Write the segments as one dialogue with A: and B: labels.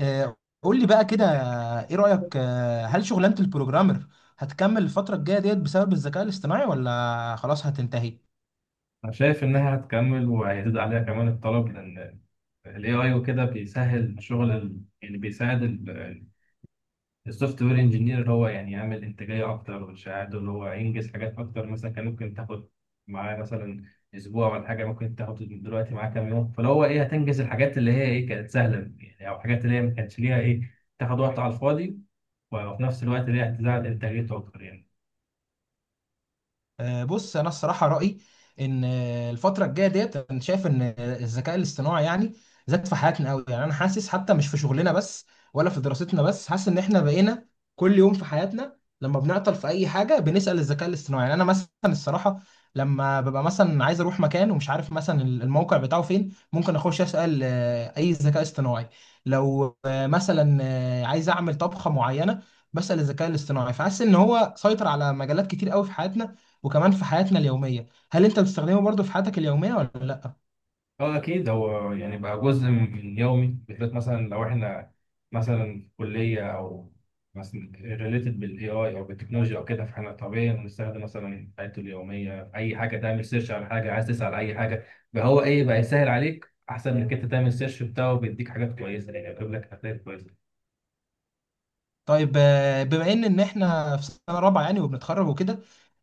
A: آه، قول لي بقى كده، ايه رأيك؟ هل شغلانة البروجرامر هتكمل الفترة الجاية ديت بسبب الذكاء الاصطناعي ولا خلاص هتنتهي؟
B: أنا شايف إنها هتكمل وهيزيد عليها كمان الطلب لأن ال AI وكده بيسهل شغل يعني بيساعد السوفت وير انجينير اللي هو يعني يعمل إنتاجية أكتر ويساعده اللي هو ينجز حاجات أكتر. مثلا كان ممكن تاخد معاه مثلا أسبوع ولا حاجة، ممكن تاخد دلوقتي معاه كام يوم، فاللي هو إيه هتنجز الحاجات اللي هي إيه كانت سهلة يعني، أو الحاجات اللي هي ما كانتش ليها إيه تاخد وقت على الفاضي، وفي نفس الوقت اللي هي هتزود إنتاجيته أكتر يعني.
A: بص انا الصراحه رايي ان الفتره الجايه ديت، انا شايف ان الذكاء الاصطناعي يعني زاد في حياتنا قوي. يعني انا حاسس حتى مش في شغلنا بس ولا في دراستنا بس، حاسس ان احنا بقينا كل يوم في حياتنا لما بنعطل في اي حاجه بنسال الذكاء الاصطناعي. يعني انا مثلا الصراحه لما ببقى مثلا عايز اروح مكان ومش عارف مثلا الموقع بتاعه فين، ممكن اخش اسال اي ذكاء اصطناعي. لو مثلا عايز اعمل طبخه معينه، بسال الذكاء الاصطناعي. فحاسس ان هو سيطر على مجالات كتير قوي في حياتنا، وكمان في حياتنا اليومية. هل انت بتستخدمه برضو في حياتك اليومية ولا لا؟
B: اه اكيد، هو يعني بقى جزء من يومي. بالذات مثلا لو احنا مثلا في كليه او مثلا ريليتد بالاي اي او بالتكنولوجيا او كده، فاحنا طبيعي بنستخدم مثلا حياته اليوميه في اي حاجه. تعمل سيرش على حاجه، عايز تسال اي حاجه، فهو ايه بقى يسهل عليك. احسن انك انت تعمل سيرش، بتاعه بيديك حاجات كويسه يعني، بيجيب لك حاجات كويسه.
A: طيب، بما ان احنا في سنة رابعة يعني وبنتخرج وكده،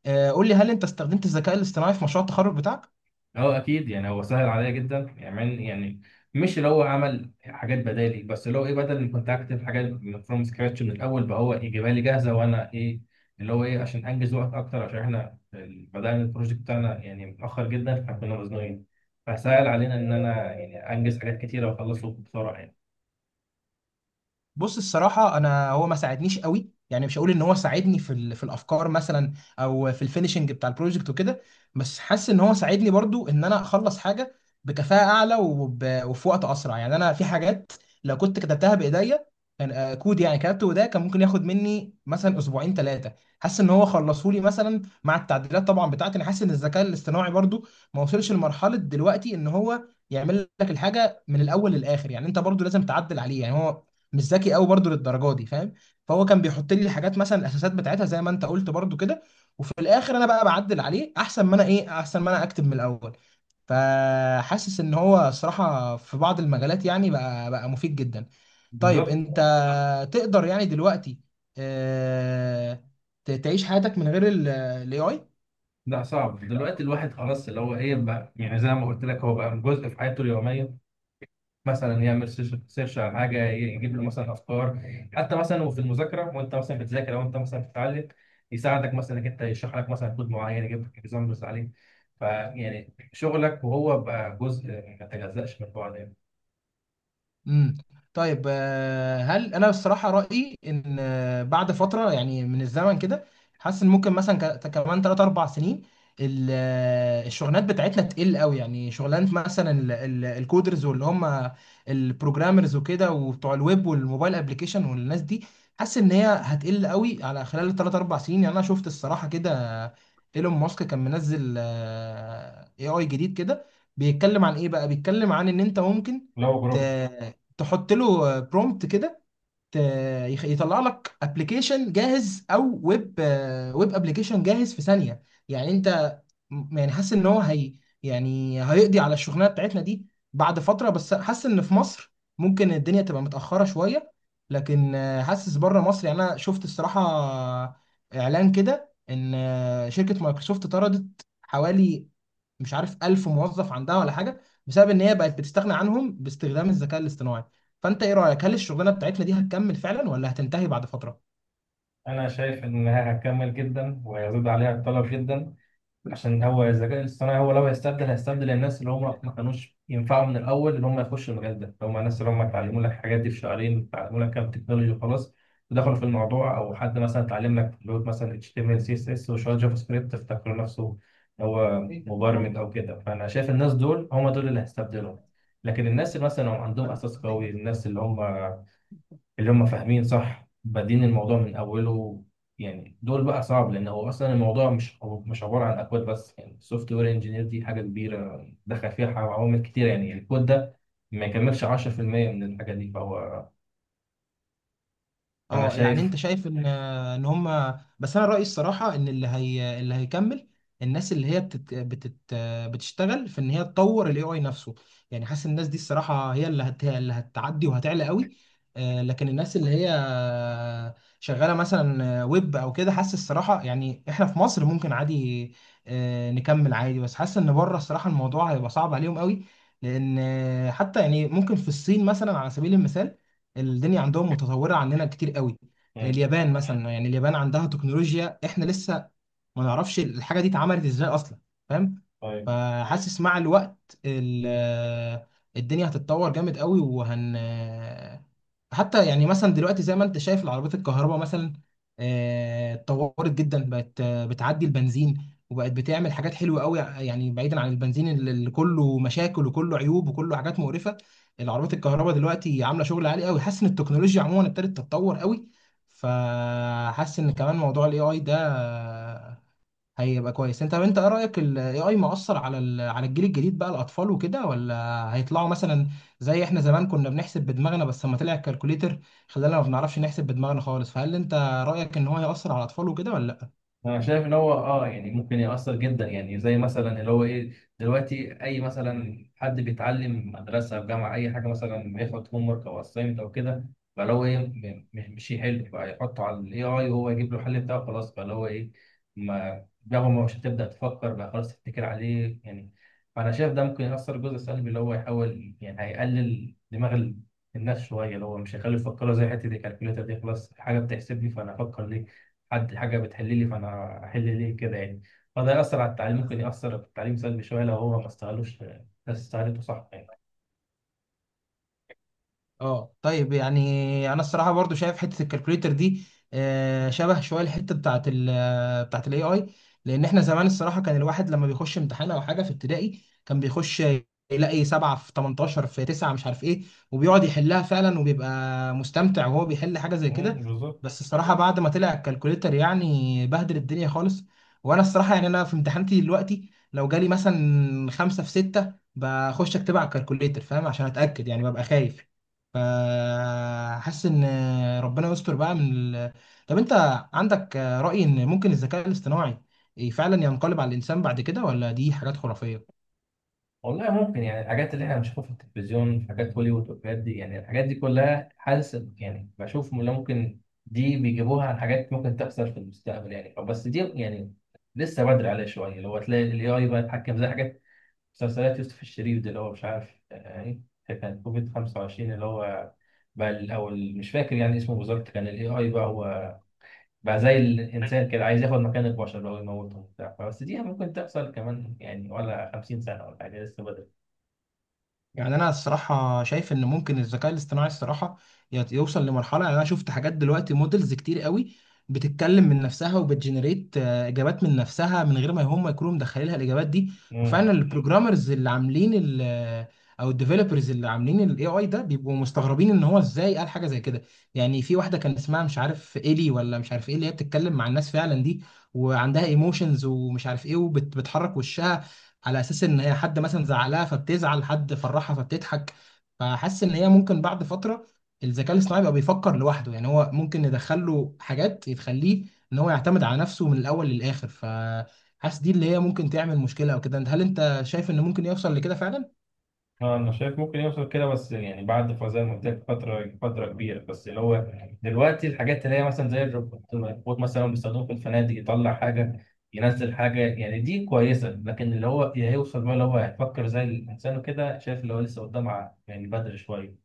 A: قول لي، هل انت استخدمت الذكاء الاصطناعي في مشروع التخرج بتاعك؟
B: اه اكيد، يعني هو سهل عليا جدا يعني، يعني مش اللي هو عمل حاجات بدالي، بس اللي هو ايه بدل ما كنت اكتب حاجات من فروم سكراتش من الاول، بقى هو يجيبها لي جاهزه، وانا ايه اللي هو ايه عشان انجز وقت اكتر، عشان احنا بدانا البروجكت بتاعنا يعني متاخر جدا فكنا مزنوقين، فسهل علينا ان انا يعني انجز حاجات كتيره واخلصه بسرعه يعني.
A: بص الصراحة، أنا هو ما ساعدنيش قوي، يعني مش هقول إن هو ساعدني في في الأفكار مثلا أو في الفينشنج بتاع البروجكت وكده. بس حاسس إن هو ساعدني برضو إن أنا أخلص حاجة بكفاءة أعلى وفي وقت أسرع. يعني أنا في حاجات لو كنت كتبتها بإيديا، كان كود يعني كتبته بإيديا كان ممكن ياخد مني مثلا أسبوعين 3، حاسس إن هو خلصه لي مثلا مع التعديلات طبعا بتاعتي. أنا حاسس إن الذكاء الاصطناعي برضو ما وصلش لمرحلة دلوقتي إن هو يعمل لك الحاجة من الأول للآخر، يعني أنت برضو لازم تعدل عليه، يعني هو مش ذكي قوي برضو للدرجه دي، فاهم. فهو كان بيحط لي الحاجات مثلا، الاساسات بتاعتها زي ما انت قلت برضو كده، وفي الاخر انا بقى بعدل عليه احسن ما انا ايه، احسن ما انا اكتب من الاول. فحاسس ان هو صراحه في بعض المجالات يعني بقى مفيد جدا. طيب انت
B: بالظبط.
A: تقدر يعني دلوقتي آه، تعيش حياتك من غير الاي اي؟
B: لا، صعب دلوقتي الواحد خلاص اللي هو ايه بقى، يعني زي ما قلت لك هو بقى جزء في حياته اليوميه. مثلا يعمل سيرش على حاجه، يجيب له مثلا افكار. حتى مثلا وفي المذاكره وانت مثلا بتذاكر او انت مثلا بتتعلم، يساعدك مثلا انك انت، يشرح لك مثلا كود معين، يجيب لك اكزامبلز عليه، فيعني شغلك وهو بقى جزء ما يتجزأش من بعض يعني.
A: امم طيب، هل، انا الصراحه رايي ان بعد فتره يعني من الزمن كده، حاسس ان ممكن مثلا كمان 3 4 سنين الشغلانات بتاعتنا تقل قوي. يعني شغلانه مثلا الكودرز واللي هم البروجرامرز وكده، وبتوع الويب والموبايل ابلكيشن والناس دي، حاسس ان هي هتقل قوي على خلال 3 4 سنين. يعني انا شفت الصراحه كده، آه، ايلون ماسك كان منزل اي اي جديد كده، بيتكلم عن ايه بقى. بيتكلم عن ان انت ممكن
B: لو جروب.
A: ت- تحط له برومبت كده، ت- يطلع لك ابلكيشن جاهز او ويب ابلكيشن جاهز في ثانيه. يعني انت يعني حاسس ان هو هي يعني هيقضي على الشغلانه بتاعتنا دي بعد فتره. بس حاسس ان في مصر ممكن الدنيا تبقى متاخره شويه، لكن حاسس بره مصر، يعني انا شفت الصراحه اعلان كده ان شركه مايكروسوفت طردت حوالي مش عارف 1000 موظف عندها ولا حاجه، بسبب ان هي بقت بتستغنى عنهم باستخدام الذكاء الاصطناعي. فانت ايه رايك، هل الشغلانه بتاعتنا دي هتكمل فعلا ولا هتنتهي بعد فتره؟
B: انا شايف انها هتكمل جدا وهيزيد عليها الطلب جدا، عشان هو الذكاء الاصطناعي هو لو هيستبدل الناس اللي هم ما كانوش ينفعوا من الاول، اللي هم يخشوا المجال ده، اللي هم الناس اللي هم اتعلموا لك الحاجات دي في شهرين، اتعلموا لك كام تكنولوجي وخلاص ودخلوا في الموضوع، او حد مثلا اتعلم لك لغه مثلا HTML CSS وشويه جافا سكريبت افتكر نفسه هو مبرمج او كده. فانا شايف الناس دول هم دول اللي هيستبدلهم. لكن الناس اللي مثلا هم عندهم اساس قوي، الناس اللي هم اللي هم فاهمين صح بادين الموضوع من اوله، يعني دول بقى صعب، لان هو اصلا الموضوع مش عباره عن اكواد بس يعني. السوفت وير انجينير دي حاجه كبيره دخل فيها عوامل كتير، يعني الكود ده ما يكملش 10% من الحاجه دي. فهو، فانا
A: اه، يعني
B: شايف.
A: انت شايف ان هم، بس انا رايي الصراحه ان اللي هيكمل الناس اللي هي بتشتغل في ان هي تطور الاي اي نفسه. يعني حاسس الناس دي الصراحه هي اللي هتعدي وهتعلى قوي. لكن الناس اللي هي شغاله مثلا ويب او كده، حاسس الصراحه يعني احنا في مصر ممكن عادي نكمل عادي. بس حاسس ان بره الصراحه الموضوع هيبقى صعب عليهم قوي، لان حتى يعني ممكن في الصين مثلا، على سبيل المثال، الدنيا عندهم متطورة عننا كتير قوي.
B: مم.
A: اليابان مثلا، يعني اليابان عندها تكنولوجيا احنا لسه ما نعرفش الحاجه دي اتعملت ازاي اصلا، فاهم.
B: طيب،
A: فحاسس مع الوقت الدنيا هتتطور جامد قوي، حتى يعني مثلا دلوقتي زي ما انت شايف، العربيات الكهرباء مثلا اتطورت جدا، بقت بتعدي البنزين، وبقت بتعمل حاجات حلوه قوي، يعني بعيدا عن البنزين اللي كله مشاكل وكله عيوب وكله حاجات مقرفه. العربيات الكهرباء دلوقتي عامله شغل عالي قوي، حاسس ان التكنولوجيا عموما ابتدت تتطور قوي. فحاسس ان كمان موضوع الاي اي ده هيبقى كويس. انت، طب انت ايه رايك، الاي اي مؤثر على على الجيل الجديد بقى، الاطفال وكده، ولا هيطلعوا مثلا زي احنا زمان كنا بنحسب بدماغنا، بس لما طلع الكالكوليتر خلانا ما بنعرفش نحسب بدماغنا خالص؟ فهل انت رايك ان هو هيأثر على الاطفال وكده ولا؟
B: انا شايف ان هو اه يعني ممكن يأثر جدا، يعني زي مثلا اللي هو ايه دلوقتي، اي مثلا حد بيتعلم مدرسه في جامعه اي حاجه، مثلا بياخد هوم ورك او اسايمنت او كده، فاللي هو ايه، مش يحل بقى، يحطه على الاي اي وهو يجيب له الحل بتاعه خلاص. فاللي هو ايه ما دماغه مش هتبدا تفكر بقى، خلاص تتكل عليه يعني. فانا شايف ده ممكن يأثر جزء سلبي، اللي هو يحاول يعني هيقلل دماغ الناس شويه، اللي هو مش هيخليه يفكروا. زي حته الكالكوليتر دي، خلاص حاجه بتحسب لي فانا افكر ليه، حد حاجه بتحل لي فانا احل ليه كده يعني. فده ياثر على التعليم، ممكن
A: لا.
B: ياثر في التعليم سلبي شويه، لو هو ما استغلوش الناس، استغلته صح يعني.
A: اه، طيب، يعني انا الصراحه برضو شايف حته الكالكوليتر دي شبه شويه الحته بتاعت بتاعت الاي اي. لان احنا زمان الصراحه كان الواحد لما بيخش امتحان او حاجه في ابتدائي، كان بيخش يلاقي 7 في 18 في 9 مش عارف ايه، وبيقعد يحلها فعلا وبيبقى مستمتع وهو بيحل حاجه زي كده.
B: مم، بالظبط.
A: بس الصراحه بعد ما طلع الكالكوليتر يعني بهدل الدنيا خالص. وانا الصراحه، يعني انا في امتحاناتي دلوقتي لو جالي مثلا 5 في 6 بخش اكتبها على الكالكوليتر، فاهم، عشان اتاكد يعني ببقى خايف. فحاسس ان ربنا يستر بقى من طب انت عندك رأي ان ممكن الذكاء الاصطناعي فعلا ينقلب على الانسان بعد كده، ولا دي حاجات خرافية؟
B: والله ممكن، يعني الحاجات اللي احنا بنشوفها في التلفزيون في حاجات هوليوود والحاجات دي يعني، الحاجات دي كلها حاسس يعني بشوف إن ممكن دي بيجيبوها عن حاجات ممكن تحصل في المستقبل يعني، بس دي يعني لسه بدري عليها شويه، لو هتلاقي الاي اي بقى يتحكم زي حاجات مسلسلات يوسف الشريف ده، اللي هو مش عارف يعني كان كوفيد 25 اللي هو بقى الأول مش فاكر يعني اسمه بالظبط، كان الاي اي بقى هو بقى زي الانسان كده، عايز ياخد مكان البشر بقى ويموتهم وبتاع. بس دي ممكن تحصل كمان يعني ولا 50 سنة ولا حاجة، لسه بدري.
A: يعني انا الصراحه شايف ان ممكن الذكاء الاصطناعي الصراحه يوصل لمرحله. يعني انا شفت حاجات دلوقتي، مودلز كتير قوي بتتكلم من نفسها وبتجنريت اجابات من نفسها من غير ما هم يكونوا مدخلينها الاجابات دي.
B: مم.
A: وفعلا البروجرامرز اللي عاملين او الديفلوبرز اللي عاملين الاي اي ده، بيبقوا مستغربين ان هو ازاي قال حاجه زي كده. يعني في واحده كان اسمها مش عارف ايلي ولا مش عارف ايه، اللي هي بتتكلم مع الناس فعلا دي، وعندها ايموشنز ومش عارف ايه، وبتحرك وشها على اساس ان هي حد مثلا زعلها فبتزعل، حد فرحها فبتضحك. فحاسس ان هي ممكن بعد فتره الذكاء الاصطناعي بقى بيفكر لوحده، يعني هو ممكن ندخل له حاجات تخليه ان هو يعتمد على نفسه من الاول للاخر. فحاسس دي اللي هي ممكن تعمل مشكله او كده. هل انت شايف ان ممكن يوصل لكده فعلا؟
B: اه انا شايف ممكن يوصل كده، بس يعني بعد زي ما قلت لك فتره كبيره. بس اللي هو دلوقتي الحاجات اللي هي مثلا زي الروبوت مثلا بيستخدموه في الفنادق، يطلع حاجه ينزل حاجه يعني، دي كويسه. لكن اللي هو هيوصل بقى اللي هو هيفكر زي الانسان وكده، شايف اللي هو لسه قدام، يعني بدري شويه.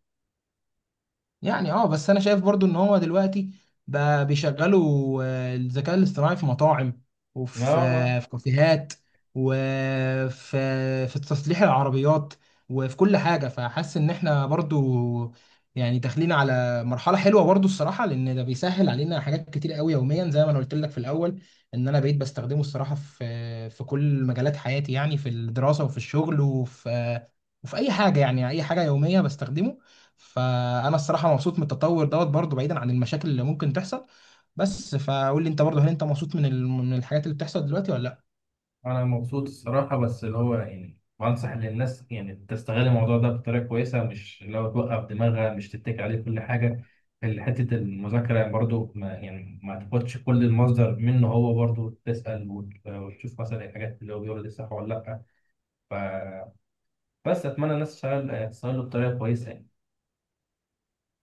A: يعني اه، بس انا شايف برضو ان هو دلوقتي بقى بيشغلوا الذكاء الاصطناعي في مطاعم، وفي
B: لا،
A: في كافيهات، وفي في تصليح العربيات، وفي كل حاجة. فحاسس ان احنا برضو يعني داخلين على مرحلة حلوة برضو الصراحة، لان ده بيسهل علينا حاجات كتير قوي يوميا، زي ما انا قلت لك في الاول ان انا بقيت بستخدمه الصراحة في كل مجالات حياتي، يعني في الدراسة وفي الشغل وفي وفي اي حاجة، يعني اي حاجة يومية بستخدمه. فانا الصراحه مبسوط من التطور دوت برضو، بعيدا عن المشاكل اللي ممكن تحصل بس. فقول لي انت برضو، هل انت مبسوط من من الحاجات اللي بتحصل دلوقتي ولا لا؟
B: انا مبسوط الصراحه، بس اللي هو يعني بنصح للناس يعني تستغل الموضوع ده بطريقه كويسه، مش لو توقف دماغها مش تتكي عليه كل حاجه. حته المذاكره برضو ما يعني ما تاخدش كل المصدر منه، هو برضو تسال وتشوف مثلا الحاجات اللي هو بيقولها دي صح ولا لا. فبس، اتمنى الناس تشتغل تستغله بطريقه كويسه يعني.